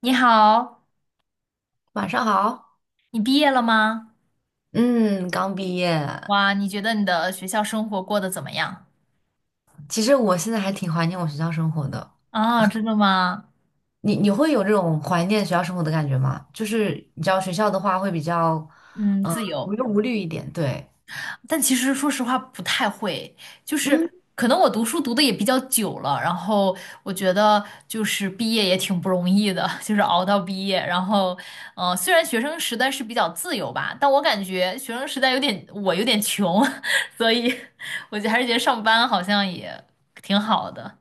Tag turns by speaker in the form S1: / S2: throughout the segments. S1: 你好，
S2: 晚上好。
S1: 你毕业了吗？
S2: 嗯，刚毕业。
S1: 哇，你觉得你的学校生活过得怎么样？
S2: 其实我现在还挺怀念我学校生活的。
S1: 啊，真的吗？
S2: 你会有这种怀念学校生活的感觉吗？就是你知道学校的话会比较，
S1: 嗯，
S2: 嗯、
S1: 自由，
S2: 无忧无虑一点。对。
S1: 但其实说实话不太会，就
S2: 嗯，
S1: 是可能我读书读的也比较久了，然后我觉得就是毕业也挺不容易的，就是熬到毕业，然后，嗯，虽然学生时代是比较自由吧，但我感觉学生时代有点我有点穷，所以我就还是觉得上班好像也挺好的。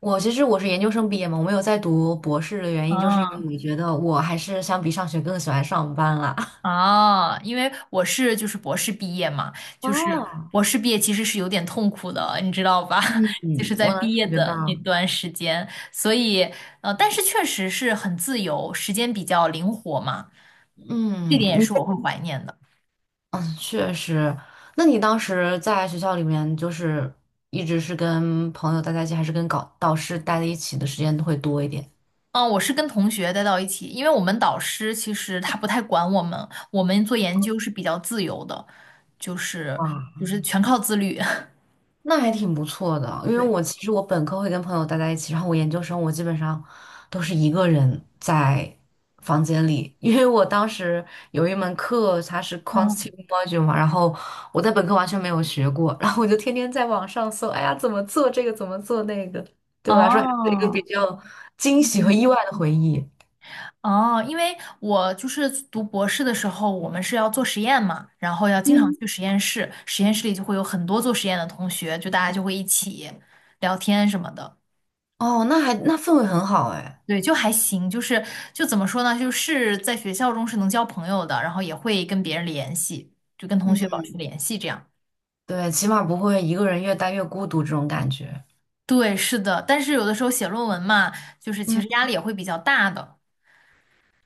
S2: 我其实是研究生毕业嘛，我没有在读博士的原因，就是因为
S1: 啊。
S2: 我觉得我还是相比上学更喜欢上班啦。
S1: 啊，因为我是就是博士毕业嘛，就是
S2: 哦。
S1: 博士毕业其实是有点痛苦的，你知道吧？就
S2: 嗯，
S1: 是在
S2: 我能
S1: 毕业
S2: 感觉到。
S1: 的那段时间，所以但是确实是很自由，时间比较灵活嘛，这
S2: 嗯，
S1: 点也
S2: 你。
S1: 是我会怀念的。
S2: 嗯，确实。那你当时在学校里面，就是一直是跟朋友待在一起，还是跟搞导师待在一起的时间会多一点？
S1: 嗯，我是跟同学待到一起，因为我们导师其实他不太管我们，我们做研究是比较自由的，就是
S2: 哇，
S1: 就是全靠自律。
S2: 那还挺不错的，因为
S1: 对，
S2: 我其实本科会跟朋友待在一起，然后我研究生我基本上都是一个人在房间里。因为我当时有一门课它是
S1: 嗯，
S2: quantitative module 嘛，然后我在本科完全没有学过，然后我就天天在网上搜，哎呀怎么做这个怎么做那个，对我来说还是一个比
S1: 哦，
S2: 较惊喜和
S1: 嗯
S2: 意外的回忆。
S1: 哦，因为我就是读博士的时候，我们是要做实验嘛，然后要经常
S2: 嗯。
S1: 去实验室，实验室里就会有很多做实验的同学，就大家就会一起聊天什么的。
S2: 哦，那还那氛围很好哎。
S1: 对，就还行，就怎么说呢，就是在学校中是能交朋友的，然后也会跟别人联系，就跟同学保
S2: 嗯，
S1: 持联系这样。
S2: 对，起码不会一个人越待越孤独这种感觉。
S1: 对，是的，但是有的时候写论文嘛，就是其
S2: 嗯。
S1: 实压力也会比较大的。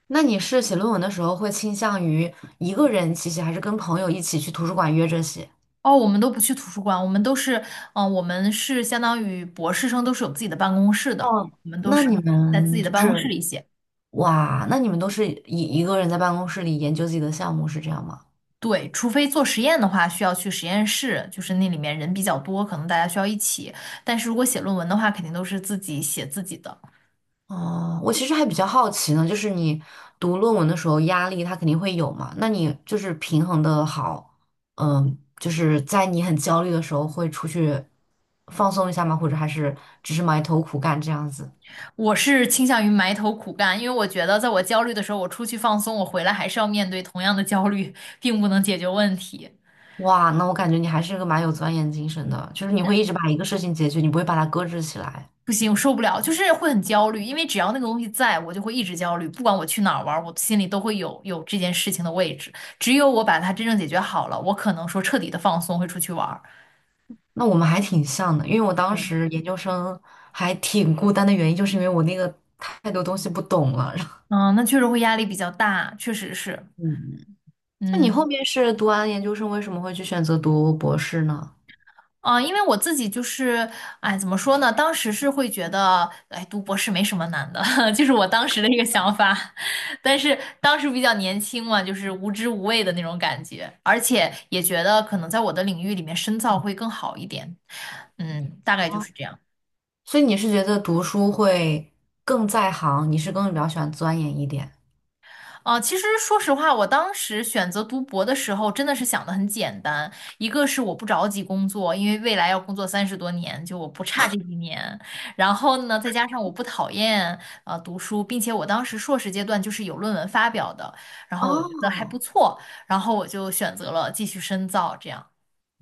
S2: 那你是写论文的时候会倾向于一个人其实还是跟朋友一起去图书馆约着写？
S1: 哦，我们都不去图书馆，我们都是，我们是相当于博士生都是有自己的办公室的，
S2: 哦，
S1: 我们都
S2: 那
S1: 是
S2: 你
S1: 在自己
S2: 们
S1: 的
S2: 就
S1: 办公室
S2: 是
S1: 里写。
S2: 哇，那你们都是一个人在办公室里研究自己的项目是这样吗？
S1: 对，除非做实验的话，需要去实验室，就是那里面人比较多，可能大家需要一起。但是如果写论文的话，肯定都是自己写自己的。
S2: 哦，我其实还比较好奇呢，就是你读论文的时候压力它肯定会有嘛，那你就是平衡的好，嗯，就是在你很焦虑的时候会出去放松一下吗？或者还是只是埋头苦干这样子？
S1: 我是倾向于埋头苦干，因为我觉得在我焦虑的时候，我出去放松，我回来还是要面对同样的焦虑，并不能解决问题。
S2: 哇，那我感觉你还是个蛮有钻研精神的，就是你会一直把一个事情解决，你不会把它搁置起来。
S1: 不行，我受不了，就是会很焦虑，因为只要那个东西在，我就会一直焦虑，不管我去哪儿玩儿，我心里都会有这件事情的位置。只有我把它真正解决好了，我可能说彻底的放松，会出去玩儿。
S2: 那我们还挺像的，因为我当
S1: 对，
S2: 时研究生还挺孤单的原因，就是因为我那个太多东西不懂了。然后
S1: 嗯，那确实会压力比较大，确实是。
S2: 嗯，那你后
S1: 嗯，
S2: 面是读完研究生，为什么会去选择读博士呢？
S1: 啊，因为我自己就是，哎，怎么说呢？当时是会觉得，哎，读博士没什么难的，就是我当时的一个想法。但是当时比较年轻嘛，就是无知无畏的那种感觉，而且也觉得可能在我的领域里面深造会更好一点。嗯，大概就是这样。
S2: 所以你是觉得读书会更在行，你是更比较喜欢钻研一点？
S1: 啊，其实说实话，我当时选择读博的时候，真的是想的很简单。一个是我不着急工作，因为未来要工作三十多年，就我不差这一年。然后呢，再加上我不讨厌读书，并且我当时硕士阶段就是有论文发表的，然后我觉得还不
S2: 哦。
S1: 错，然后我就选择了继续深造。这样，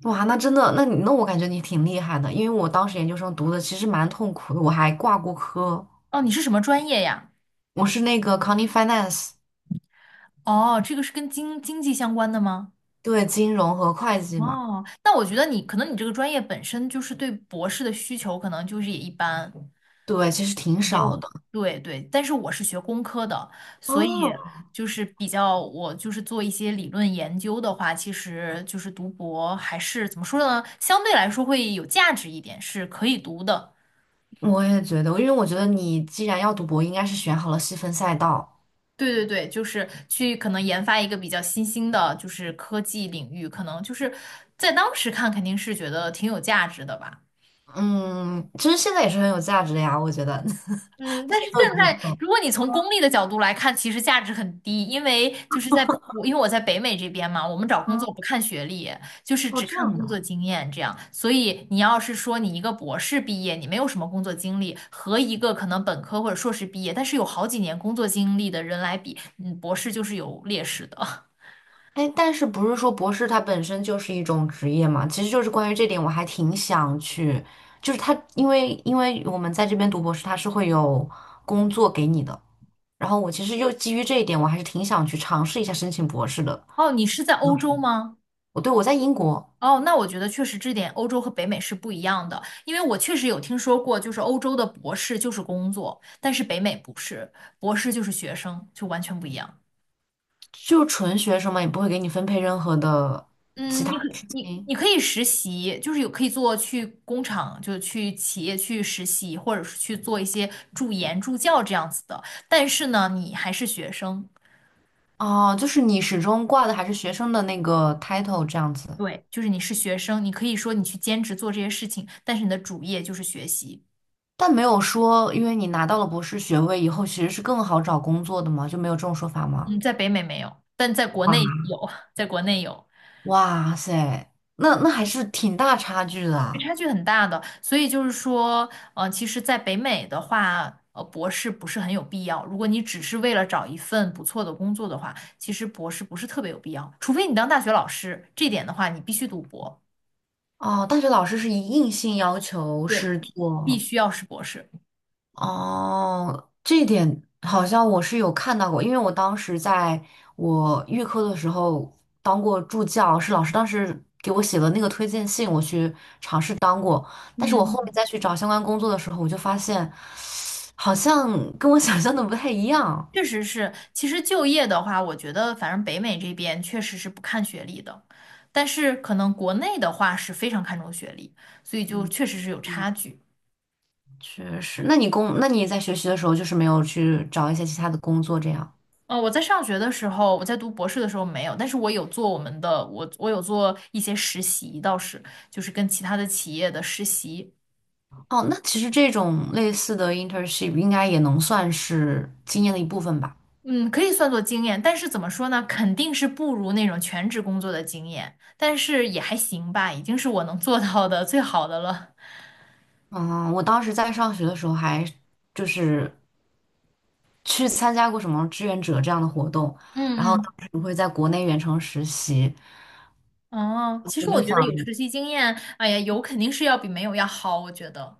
S2: 哇，那真的，那你那我感觉你挺厉害的，因为我当时研究生读的其实蛮痛苦的，我还挂过科。
S1: 哦，你是什么专业呀？
S2: 我是那个 County Finance。
S1: 哦，这个是跟经济相关的吗？
S2: 对，金融和会计嘛。
S1: 哦，那我觉得你可能你这个专业本身就是对博士的需求可能就是也一般。
S2: 对，其实挺
S1: 没
S2: 少
S1: 有，
S2: 的。
S1: 对对，但是我是学工科的，所以
S2: 哦，
S1: 就是比较，我就是做一些理论研究的话，其实就是读博还是怎么说呢，相对来说会有价值一点，是可以读的。
S2: 我也觉得，因为我觉得你既然要读博，应该是选好了细分赛道。
S1: 对对对，就是去可能研发一个比较新兴的，就是科技领域，可能就是在当时看肯定是觉得挺有价值的吧。
S2: 嗯，其实现在也是很有价值的呀，我觉得，
S1: 嗯，
S2: 毕
S1: 但是
S2: 竟
S1: 现
S2: 都已经
S1: 在
S2: 过了。
S1: 如果你从功利的角度来看，其实价值很低，因为我在北美这边嘛，我们找工
S2: 嗯，
S1: 作不看学历，就是
S2: 哦，
S1: 只
S2: 这
S1: 看
S2: 样
S1: 工
S2: 的。
S1: 作经验这样。所以你要是说你一个博士毕业，你没有什么工作经历，和一个可能本科或者硕士毕业，但是有好几年工作经历的人来比，嗯，博士就是有劣势的。
S2: 哎，但是不是说博士它本身就是一种职业嘛？其实就是关于这点，我还挺想去，就是它，因为我们在这边读博士，它是会有工作给你的。然后我其实又基于这一点，我还是挺想去尝试一下申请博士的。
S1: 哦，你是在欧洲
S2: 嗯，
S1: 吗？
S2: 我在英国。
S1: 哦，那我觉得确实这点欧洲和北美是不一样的，因为我确实有听说过，就是欧洲的博士就是工作，但是北美不是，博士就是学生，就完全不一样。
S2: 就纯学生嘛，也不会给你分配任何的其
S1: 嗯，
S2: 他
S1: 你可
S2: 事
S1: 你
S2: 情。
S1: 你可以实习，就是有可以做去工厂，就去企业去实习，或者是去做一些助研助教这样子的，但是呢，你还是学生。
S2: 哦，就是你始终挂的还是学生的那个 title 这样子。
S1: 对，就是你是学生，你可以说你去兼职做这些事情，但是你的主业就是学习。
S2: 但没有说因为你拿到了博士学位以后其实是更好找工作的嘛，就没有这种说法吗？
S1: 嗯，在北美没有，但在国
S2: 啊。
S1: 内有，在国内有。
S2: 哇塞，那那还是挺大差距的
S1: 对
S2: 啊！
S1: 差距很大的，所以就是说，其实，在北美的话，博士不是很有必要。如果你只是为了找一份不错的工作的话，其实博士不是特别有必要，除非你当大学老师，这点的话，你必须读博，
S2: 哦，大学老师是以硬性要求
S1: 对，
S2: 是
S1: 必
S2: 做。
S1: 须要是博士。
S2: 哦，这一点好像我是有看到过，因为我当时在我预科的时候当过助教，是老师当时给我写了那个推荐信，我去尝试当过。但是我后
S1: 嗯，
S2: 面再去找相关工作的时候，我就发现好像跟我想象的不太一样。
S1: 确实是，其实就业的话，我觉得反正北美这边确实是不看学历的，但是可能国内的话是非常看重学历，所以就
S2: 嗯。
S1: 确实是有
S2: 嗯。
S1: 差距。
S2: 确实，那你工，那你在学习的时候就是没有去找一些其他的工作这样？
S1: 我在上学的时候，我在读博士的时候没有，但是我有做我们的，我有做一些实习，倒是就是跟其他的企业的实习，
S2: 哦，那其实这种类似的 internship 应该也能算是经验的一部分吧。
S1: 嗯，可以算作经验，但是怎么说呢，肯定是不如那种全职工作的经验，但是也还行吧，已经是我能做到的最好的了。
S2: 嗯，我当时在上学的时候还就是去参加过什么志愿者这样的活动，然后当
S1: 嗯
S2: 时会在国内远程实习，
S1: 嗯，哦，其
S2: 我
S1: 实我
S2: 就
S1: 觉得
S2: 想，
S1: 有实习经验，哎呀，有肯定是要比没有要好，我觉得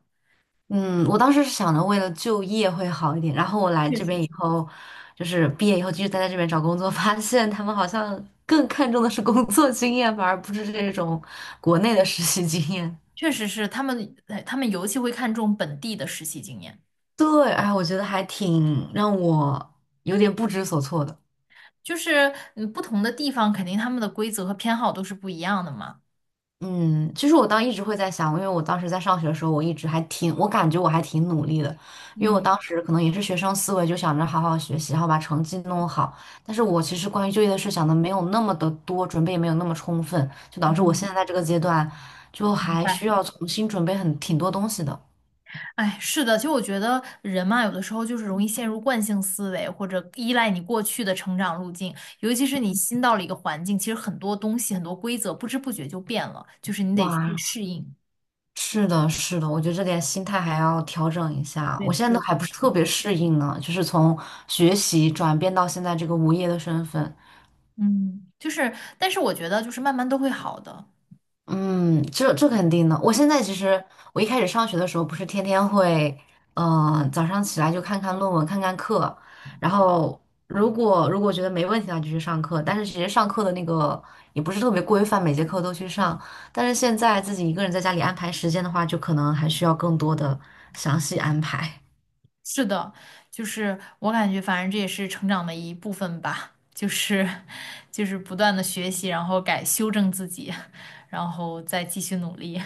S2: 嗯，我当时是想着为了就业会好一点，然后我来
S1: 确
S2: 这
S1: 实
S2: 边
S1: 是，
S2: 以后，就是毕业以后继续待在这边找工作，发现他们好像更看重的是工作经验，反而不是这种国内的实习经验。
S1: 确实是他们，哎他们尤其会看重本地的实习经验。
S2: 对，哎，我觉得还挺让我有点不知所措的。
S1: 就是嗯，不同的地方肯定他们的规则和偏好都是不一样的嘛。
S2: 嗯，其实我当一直会在想，因为我当时在上学的时候，我一直还挺，我感觉我还挺努力的，因为我
S1: 嗯
S2: 当时可能也是学生思维，就想着好好学习，然后把成绩弄好。但是我其实关于就业的事想的没有那么的多，准备也没有那么充分，就导致我现在
S1: 嗯，
S2: 在这个阶段，就
S1: 明
S2: 还需
S1: 白。
S2: 要重新准备很挺多东西的。
S1: 哎，是的，其实我觉得人嘛，有的时候就是容易陷入惯性思维，或者依赖你过去的成长路径。尤其是你新到了一个环境，其实很多东西、很多规则不知不觉就变了，就是你得去
S2: 哇，
S1: 适应。
S2: 是的，是的，我觉得这点心态还要调整一下，
S1: 对
S2: 我
S1: 的
S2: 现在都
S1: 对
S2: 还
S1: 的。
S2: 不是特别适应呢，就是从学习转变到现在这个无业的身份。
S1: 嗯，就是，但是我觉得就是慢慢都会好的。
S2: 嗯，这这肯定的。我现在其实，我一开始上学的时候，不是天天会，早上起来就看看论文，看看课，然后如果觉得没问题的话，就去上课。但是其实上课的那个也不是特别规范，每节课都去上。但是现在自己一个人在家里安排时间的话，就可能还需要更多的详细安排。
S1: 是的，就是我感觉，反正这也是成长的一部分吧，就是不断的学习，然后改修正自己，然后再继续努力，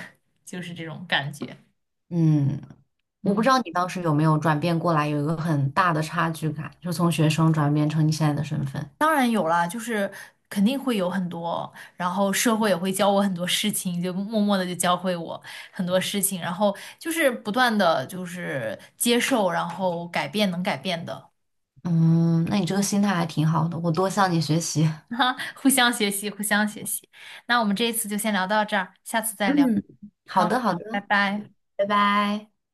S1: 就是这种感觉。
S2: 嗯，我不知
S1: 嗯，
S2: 道你当时有没有转变过来，有一个很大的差距感，就从学生转变成你现在的身份。
S1: 当然有啦，就是肯定会有很多，然后社会也会教我很多事情，就默默的就教会我很多事情，然后就是不断的就是接受，然后改变能改变的，
S2: 嗯，那你这个心态还挺好的，我多向你学习。
S1: 哈，互相学习，互相学习。那我们这一次就先聊到这儿，下次再聊。
S2: 嗯，好
S1: 好，
S2: 的，好
S1: 拜
S2: 的，
S1: 拜。
S2: 拜拜。